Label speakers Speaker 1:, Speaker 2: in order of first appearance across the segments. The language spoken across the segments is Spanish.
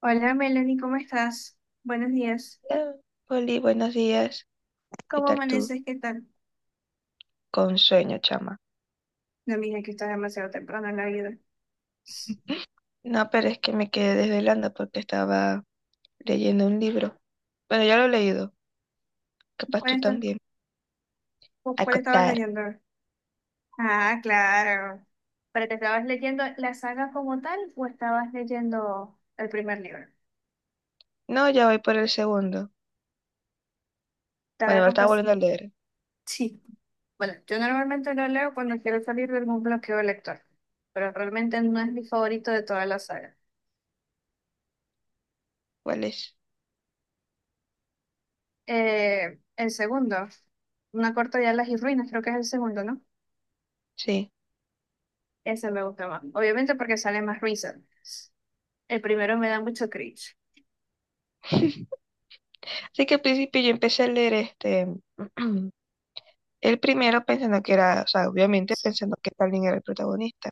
Speaker 1: Hola Melanie, ¿cómo estás? Buenos días.
Speaker 2: Eh, Oli, buenos días. ¿Qué
Speaker 1: ¿Cómo
Speaker 2: tal tú?
Speaker 1: amaneces? ¿Qué tal?
Speaker 2: Con sueño, chama.
Speaker 1: No, mira que estás demasiado temprano en la vida.
Speaker 2: No, pero es que me quedé desvelando porque estaba leyendo un libro. Bueno, ya lo he leído. Capaz
Speaker 1: ¿Cuál,
Speaker 2: tú también.
Speaker 1: cuál estabas
Speaker 2: Acotar.
Speaker 1: leyendo? Ah, claro. ¿Pero te estabas leyendo la saga como tal o estabas leyendo el primer libro?
Speaker 2: No, ya voy por el segundo.
Speaker 1: Te voy
Speaker 2: Bueno,
Speaker 1: a
Speaker 2: lo estaba
Speaker 1: confesar.
Speaker 2: volviendo a leer.
Speaker 1: Sí. Bueno, yo normalmente lo leo cuando quiero salir de algún bloqueo lector, pero realmente no es mi favorito de toda la saga.
Speaker 2: ¿Cuál es?
Speaker 1: El segundo, Una corta de alas y ruinas, creo que es el segundo, ¿no?
Speaker 2: Sí.
Speaker 1: Ese me gusta más. Obviamente porque sale más risa. El primero me da mucho cringe.
Speaker 2: Así que al principio yo empecé a leer este. El primero pensando que era, o sea, obviamente pensando que Stalin era el protagonista.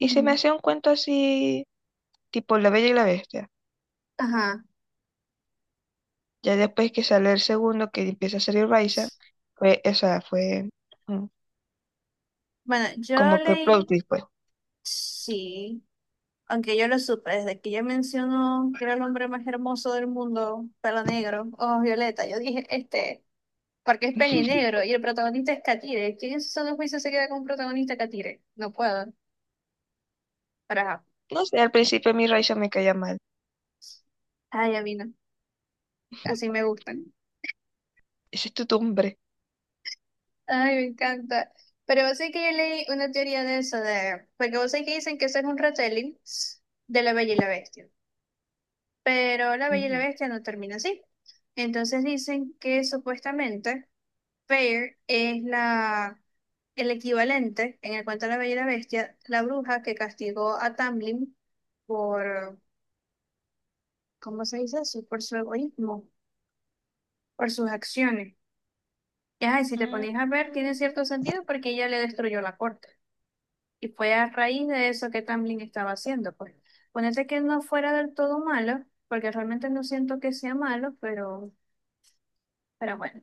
Speaker 2: Y se me
Speaker 1: Ujú.
Speaker 2: hacía un cuento así, tipo La Bella y la Bestia.
Speaker 1: Ajá.
Speaker 2: Ya después que sale el segundo, que empieza a salir Raiza, fue, o sea, fue mm,
Speaker 1: Bueno, yo
Speaker 2: como que el plot
Speaker 1: leí,
Speaker 2: twist, pues.
Speaker 1: sí, aunque yo lo supe, desde que ella mencionó que era el hombre más hermoso del mundo, pelo negro, ojos violeta, yo dije, porque es peli negro y el protagonista es Katire. ¿Quién en su sano juicio se queda con un protagonista Katire? No puedo, pero ajá.
Speaker 2: No sé, al principio a mí Raiza me caía mal.
Speaker 1: Ay, a mí no, así me gustan.
Speaker 2: Ese es tu tumbre.
Speaker 1: Ay, me encanta. Pero vos sabés que yo leí una teoría de eso, de, porque vos sabés que dicen que eso es un retelling de La Bella y la Bestia, pero La Bella y la
Speaker 2: Ujú.
Speaker 1: Bestia no termina así. Entonces dicen que supuestamente Fair es la, el equivalente en el cuento de La Bella y la Bestia, la bruja que castigó a Tamlin por, ¿cómo se dice eso? Por su egoísmo, por sus acciones. Y ajá, y si te
Speaker 2: Mm.
Speaker 1: ponéis a ver, tiene cierto sentido porque ella le destruyó la corte. Y fue a raíz de eso que Tamlin estaba haciendo, pues. Ponete que no fuera del todo malo, porque realmente no siento que sea malo, pero bueno,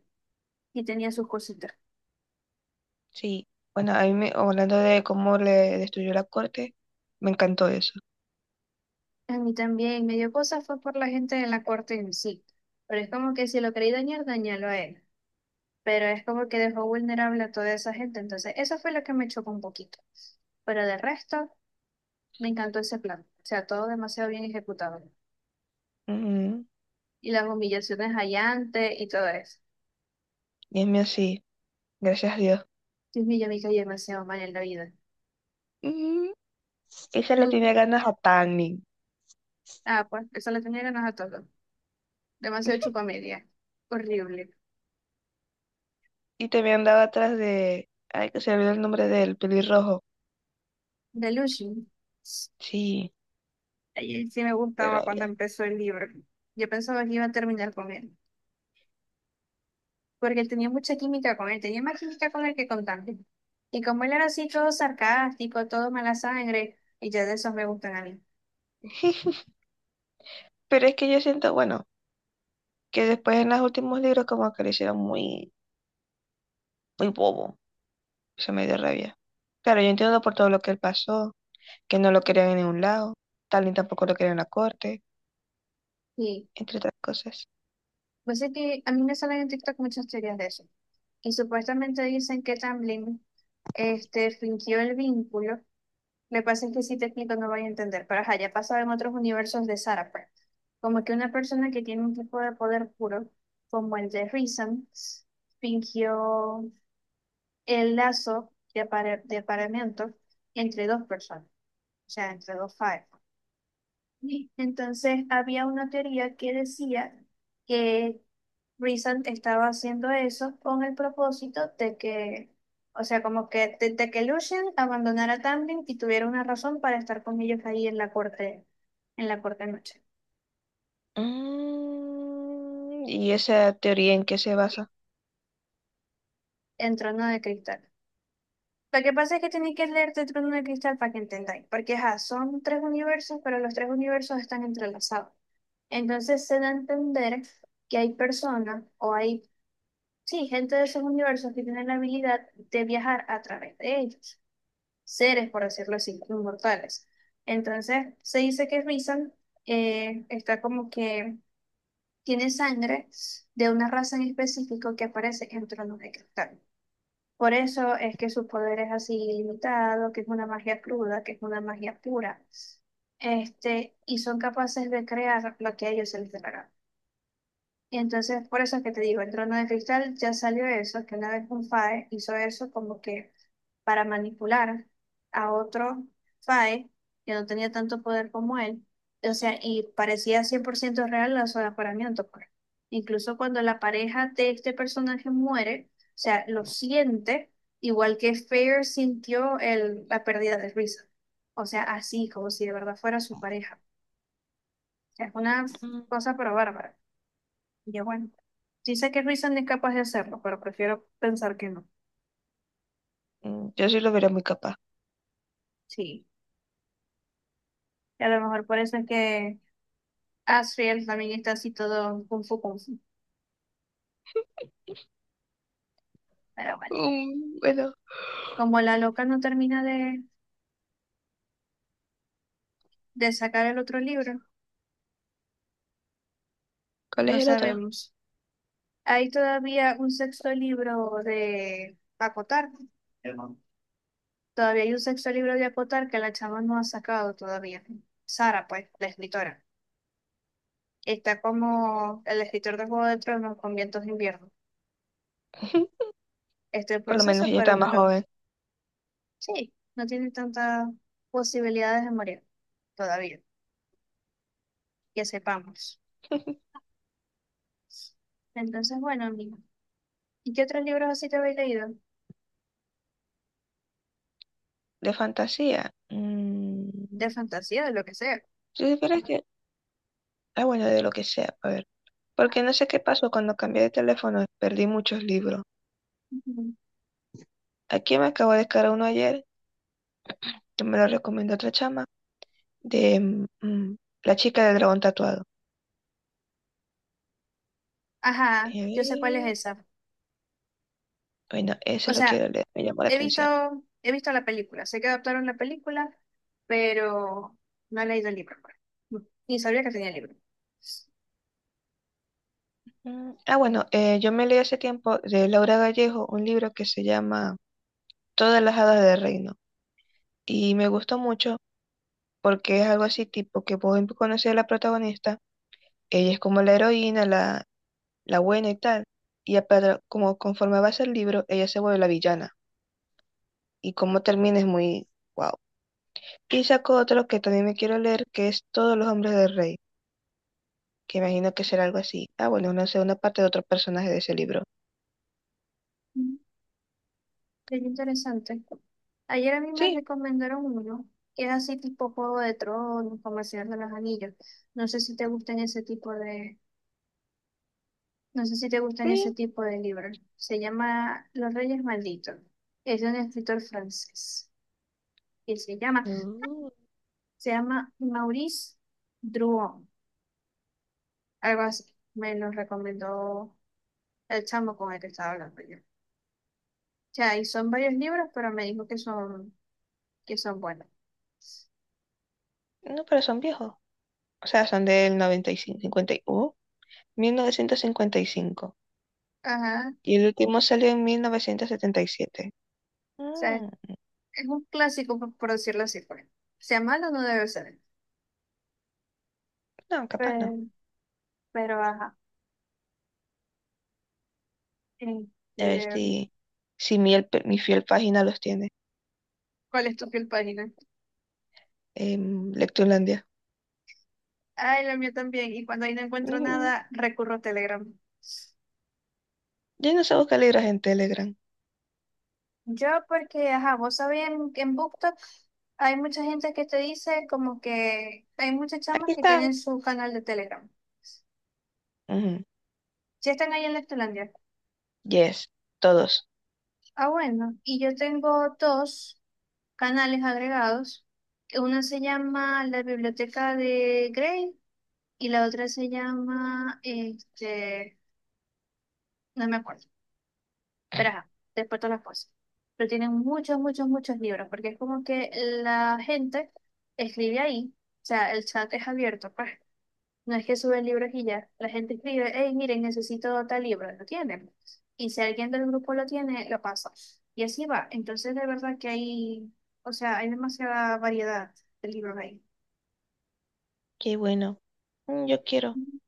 Speaker 1: y tenía sus cositas.
Speaker 2: Sí, bueno, a mí hablando de cómo le destruyó la corte, me encantó eso.
Speaker 1: A mí también me dio cosas fue por la gente de la corte en sí. Pero es como que si lo quería dañar, dañalo a él. Pero es como que dejó vulnerable a toda esa gente. Entonces, eso fue lo que me chocó un poquito. Pero de resto, me encantó ese plan. O sea, todo demasiado bien ejecutado.
Speaker 2: Ujú.
Speaker 1: Y las humillaciones hallantes y todo eso.
Speaker 2: Y es mío así, gracias a Dios.
Speaker 1: Dios mío, yo me caí demasiado mal en la vida.
Speaker 2: Ujú. Esa le tenía
Speaker 1: Muy-
Speaker 2: ganas a Tanning.
Speaker 1: Ah, pues, esa la tenía ganas a todo. Demasiado chupamedia. Horrible.
Speaker 2: Y también andaba atrás de. Ay, que se me olvidó el nombre del pelirrojo.
Speaker 1: Delusion.
Speaker 2: Sí,
Speaker 1: Ahí sí me
Speaker 2: de
Speaker 1: gustaba cuando
Speaker 2: rabia.
Speaker 1: empezó el libro. Yo pensaba que iba a terminar con él. Porque él tenía mucha química con él. Tenía más química con él que con Dante. Y como él era así, todo sarcástico, todo mala sangre. Y ya de esos me gustan a mí.
Speaker 2: Pero es que yo siento, bueno, que después en los últimos libros como que lo hicieron muy, muy bobo. Eso me dio rabia. Claro, yo entiendo por todo lo que él pasó, que no lo querían en ningún lado, tal ni tampoco lo querían en la corte,
Speaker 1: Sí.
Speaker 2: entre otras cosas.
Speaker 1: Pues es que a mí me salen en TikTok muchas teorías de eso. Y supuestamente dicen que Tamblyn fingió el vínculo. Me pasa que si te explico no voy a entender, pero ajá, ya pasaba en otros universos de Sarah, pues. Como que una persona que tiene un tipo de poder puro, como el de Reason, fingió el lazo de, de apareamiento entre dos personas, o sea, entre dos Fire. Sí. Entonces había una teoría que decía que Reason estaba haciendo eso con el propósito de que, o sea, como que de que Lucien abandonara a Tamlin y tuviera una razón para estar con ellos ahí en la corte noche,
Speaker 2: Y esa teoría, ¿en qué se basa?
Speaker 1: en Trono de Cristal. Lo que pasa es que tenéis que leerte Trono de Cristal para que entendáis, porque ajá, son tres universos, pero los tres universos están entrelazados. Entonces se da a entender que hay personas o hay, sí, gente de esos universos que tienen la habilidad de viajar a través de ellos, seres, por decirlo así, inmortales. Entonces, se dice que Rizan está como que tiene sangre de una raza en específico que aparece en Tronos de Cristal. Por eso es que su poder es así ilimitado, que es una magia cruda, que es una magia pura. Y son capaces de crear lo que a ellos se les dé la gana. Y entonces, por eso es que te digo, el trono de cristal ya salió eso, que una vez un FAE hizo eso como que para manipular a otro FAE que no tenía tanto poder como él. O sea, y parecía 100% real la su aforamiento, pues. Incluso cuando la pareja de este personaje muere, o sea, lo siente, igual que Fair sintió el, la pérdida de Risa. O sea, así, como si de verdad fuera su pareja. O sea, es una
Speaker 2: Mm,
Speaker 1: cosa pero bárbara. Y bueno, sí sé que Reason es capaz de hacerlo, pero prefiero pensar que no.
Speaker 2: yo sí lo veré muy capaz.
Speaker 1: Sí, y a lo mejor por eso es que Asriel también está así todo kung fu kung fu. Pero bueno,
Speaker 2: Bueno,
Speaker 1: como la loca no termina de sacar el otro libro,
Speaker 2: ¿cuál es
Speaker 1: no
Speaker 2: el otro?
Speaker 1: sabemos. Hay todavía un sexto libro de Acotar. Todavía hay un sexto libro de Acotar que la chama no ha sacado todavía. Sara, pues, la escritora. Está como el escritor de Juego de Tronos con Vientos de Invierno. Está en
Speaker 2: Por lo menos
Speaker 1: proceso,
Speaker 2: ella
Speaker 1: pero
Speaker 2: está
Speaker 1: no
Speaker 2: más
Speaker 1: lo,
Speaker 2: joven.
Speaker 1: sí, no tiene tantas posibilidades de morir todavía, que sepamos. Entonces, bueno, amigo. ¿Y qué otros libros así te habéis leído?
Speaker 2: De fantasía.
Speaker 1: De fantasía, de lo que sea.
Speaker 2: Si supieras que. Ah, bueno, de lo que sea, a ver. Porque no sé qué pasó cuando cambié de teléfono, perdí muchos libros.
Speaker 1: Ujú.
Speaker 2: Aquí me acabo de descargar uno ayer, que me lo recomendó otra chama, de mm, La chica del dragón tatuado.
Speaker 1: Ajá, yo sé cuál es
Speaker 2: Eh,
Speaker 1: esa.
Speaker 2: bueno, ese
Speaker 1: O
Speaker 2: lo
Speaker 1: sea,
Speaker 2: quiero leer, me llamó la
Speaker 1: he visto,
Speaker 2: atención.
Speaker 1: he visto la película, sé que adaptaron la película, pero no he leído el libro, pues. Ni sabía que tenía libro.
Speaker 2: Ah, bueno, yo me leí hace tiempo de Laura Gallego un libro que se llama Todas las hadas del reino. Y me gustó mucho porque es algo así tipo que puedo conocer a la protagonista. Ella es como la heroína, la buena y tal. Y a para, como conforme avanza el libro, ella se vuelve la villana. Y cómo termina es muy wow. Y saco otro que también me quiero leer, que es Todos los hombres del rey, que imagino que será algo así. Ah, bueno, una segunda parte de otro personaje de ese libro.
Speaker 1: Bien interesante. Ayer a mí me
Speaker 2: Sí,
Speaker 1: recomendaron uno que es así tipo Juego de Tronos, como El Señor de los Anillos. No sé si te gustan ese tipo de, no sé si te gustan ese
Speaker 2: sí.
Speaker 1: tipo de libros. Se llama Los Reyes Malditos. Es de un escritor francés. Y
Speaker 2: Mm.
Speaker 1: se llama Maurice Druon, algo así. Me lo recomendó el chamo con el que estaba hablando yo. O sea, y son varios libros, pero me dijo que son buenos.
Speaker 2: No, pero son viejos. O sea, son del 95, 50, mil novecientos cincuenta y cinco.
Speaker 1: Ajá. O
Speaker 2: Y el último salió en 1977.
Speaker 1: sea,
Speaker 2: Mm,
Speaker 1: es un clásico, por decirlo así, pues. Sea malo, no debe ser.
Speaker 2: no, capaz no.
Speaker 1: Pero, pero ajá.
Speaker 2: A ver
Speaker 1: Este,
Speaker 2: si el mi fiel página los tiene.
Speaker 1: ¿Cuál es tu piel página?
Speaker 2: Lectulandia.
Speaker 1: Ay, la mía también. Y cuando ahí no encuentro
Speaker 2: Mm,
Speaker 1: nada, recurro a Telegram.
Speaker 2: yo no sé buscar libros en Telegram.
Speaker 1: Yo porque, ajá, vos sabés, en BookTok hay mucha gente que te dice como que hay muchas chamas
Speaker 2: Aquí
Speaker 1: que
Speaker 2: están.
Speaker 1: tienen su canal de Telegram.
Speaker 2: Ujú.
Speaker 1: Si están ahí en Lectolandia.
Speaker 2: Yes, todos.
Speaker 1: Ah, bueno. Y yo tengo dos canales agregados. Una se llama La Biblioteca de Grey, y la otra se llama, no me acuerdo, pero ajá, después todas las cosas. Pero tienen muchos, muchos, muchos libros, porque es como que la gente escribe ahí, o sea, el chat es abierto, pues. No es que suben libros y ya, la gente escribe, hey, miren, necesito tal libro, lo tienen. Y si alguien del grupo lo tiene, lo pasa. Y así va. Entonces, de verdad que hay, o sea, hay demasiada variedad de libros ahí.
Speaker 2: Qué bueno. Yo quiero.
Speaker 1: Ujú.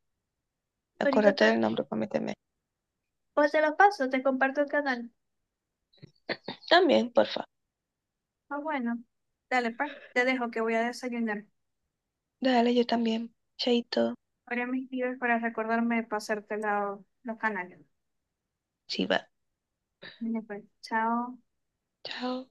Speaker 1: Ahorita
Speaker 2: Acuérdate
Speaker 1: te,
Speaker 2: del nombre, prométeme.
Speaker 1: pues te los paso, te comparto el canal.
Speaker 2: También, porfa.
Speaker 1: Ah, bueno, dale, pues. Te dejo que voy a desayunar.
Speaker 2: Dale, yo también. Chaito.
Speaker 1: Ahora mis tíos para recordarme de pasarte la, los canales.
Speaker 2: Sí, va.
Speaker 1: Dale, pues, chao.
Speaker 2: Chao.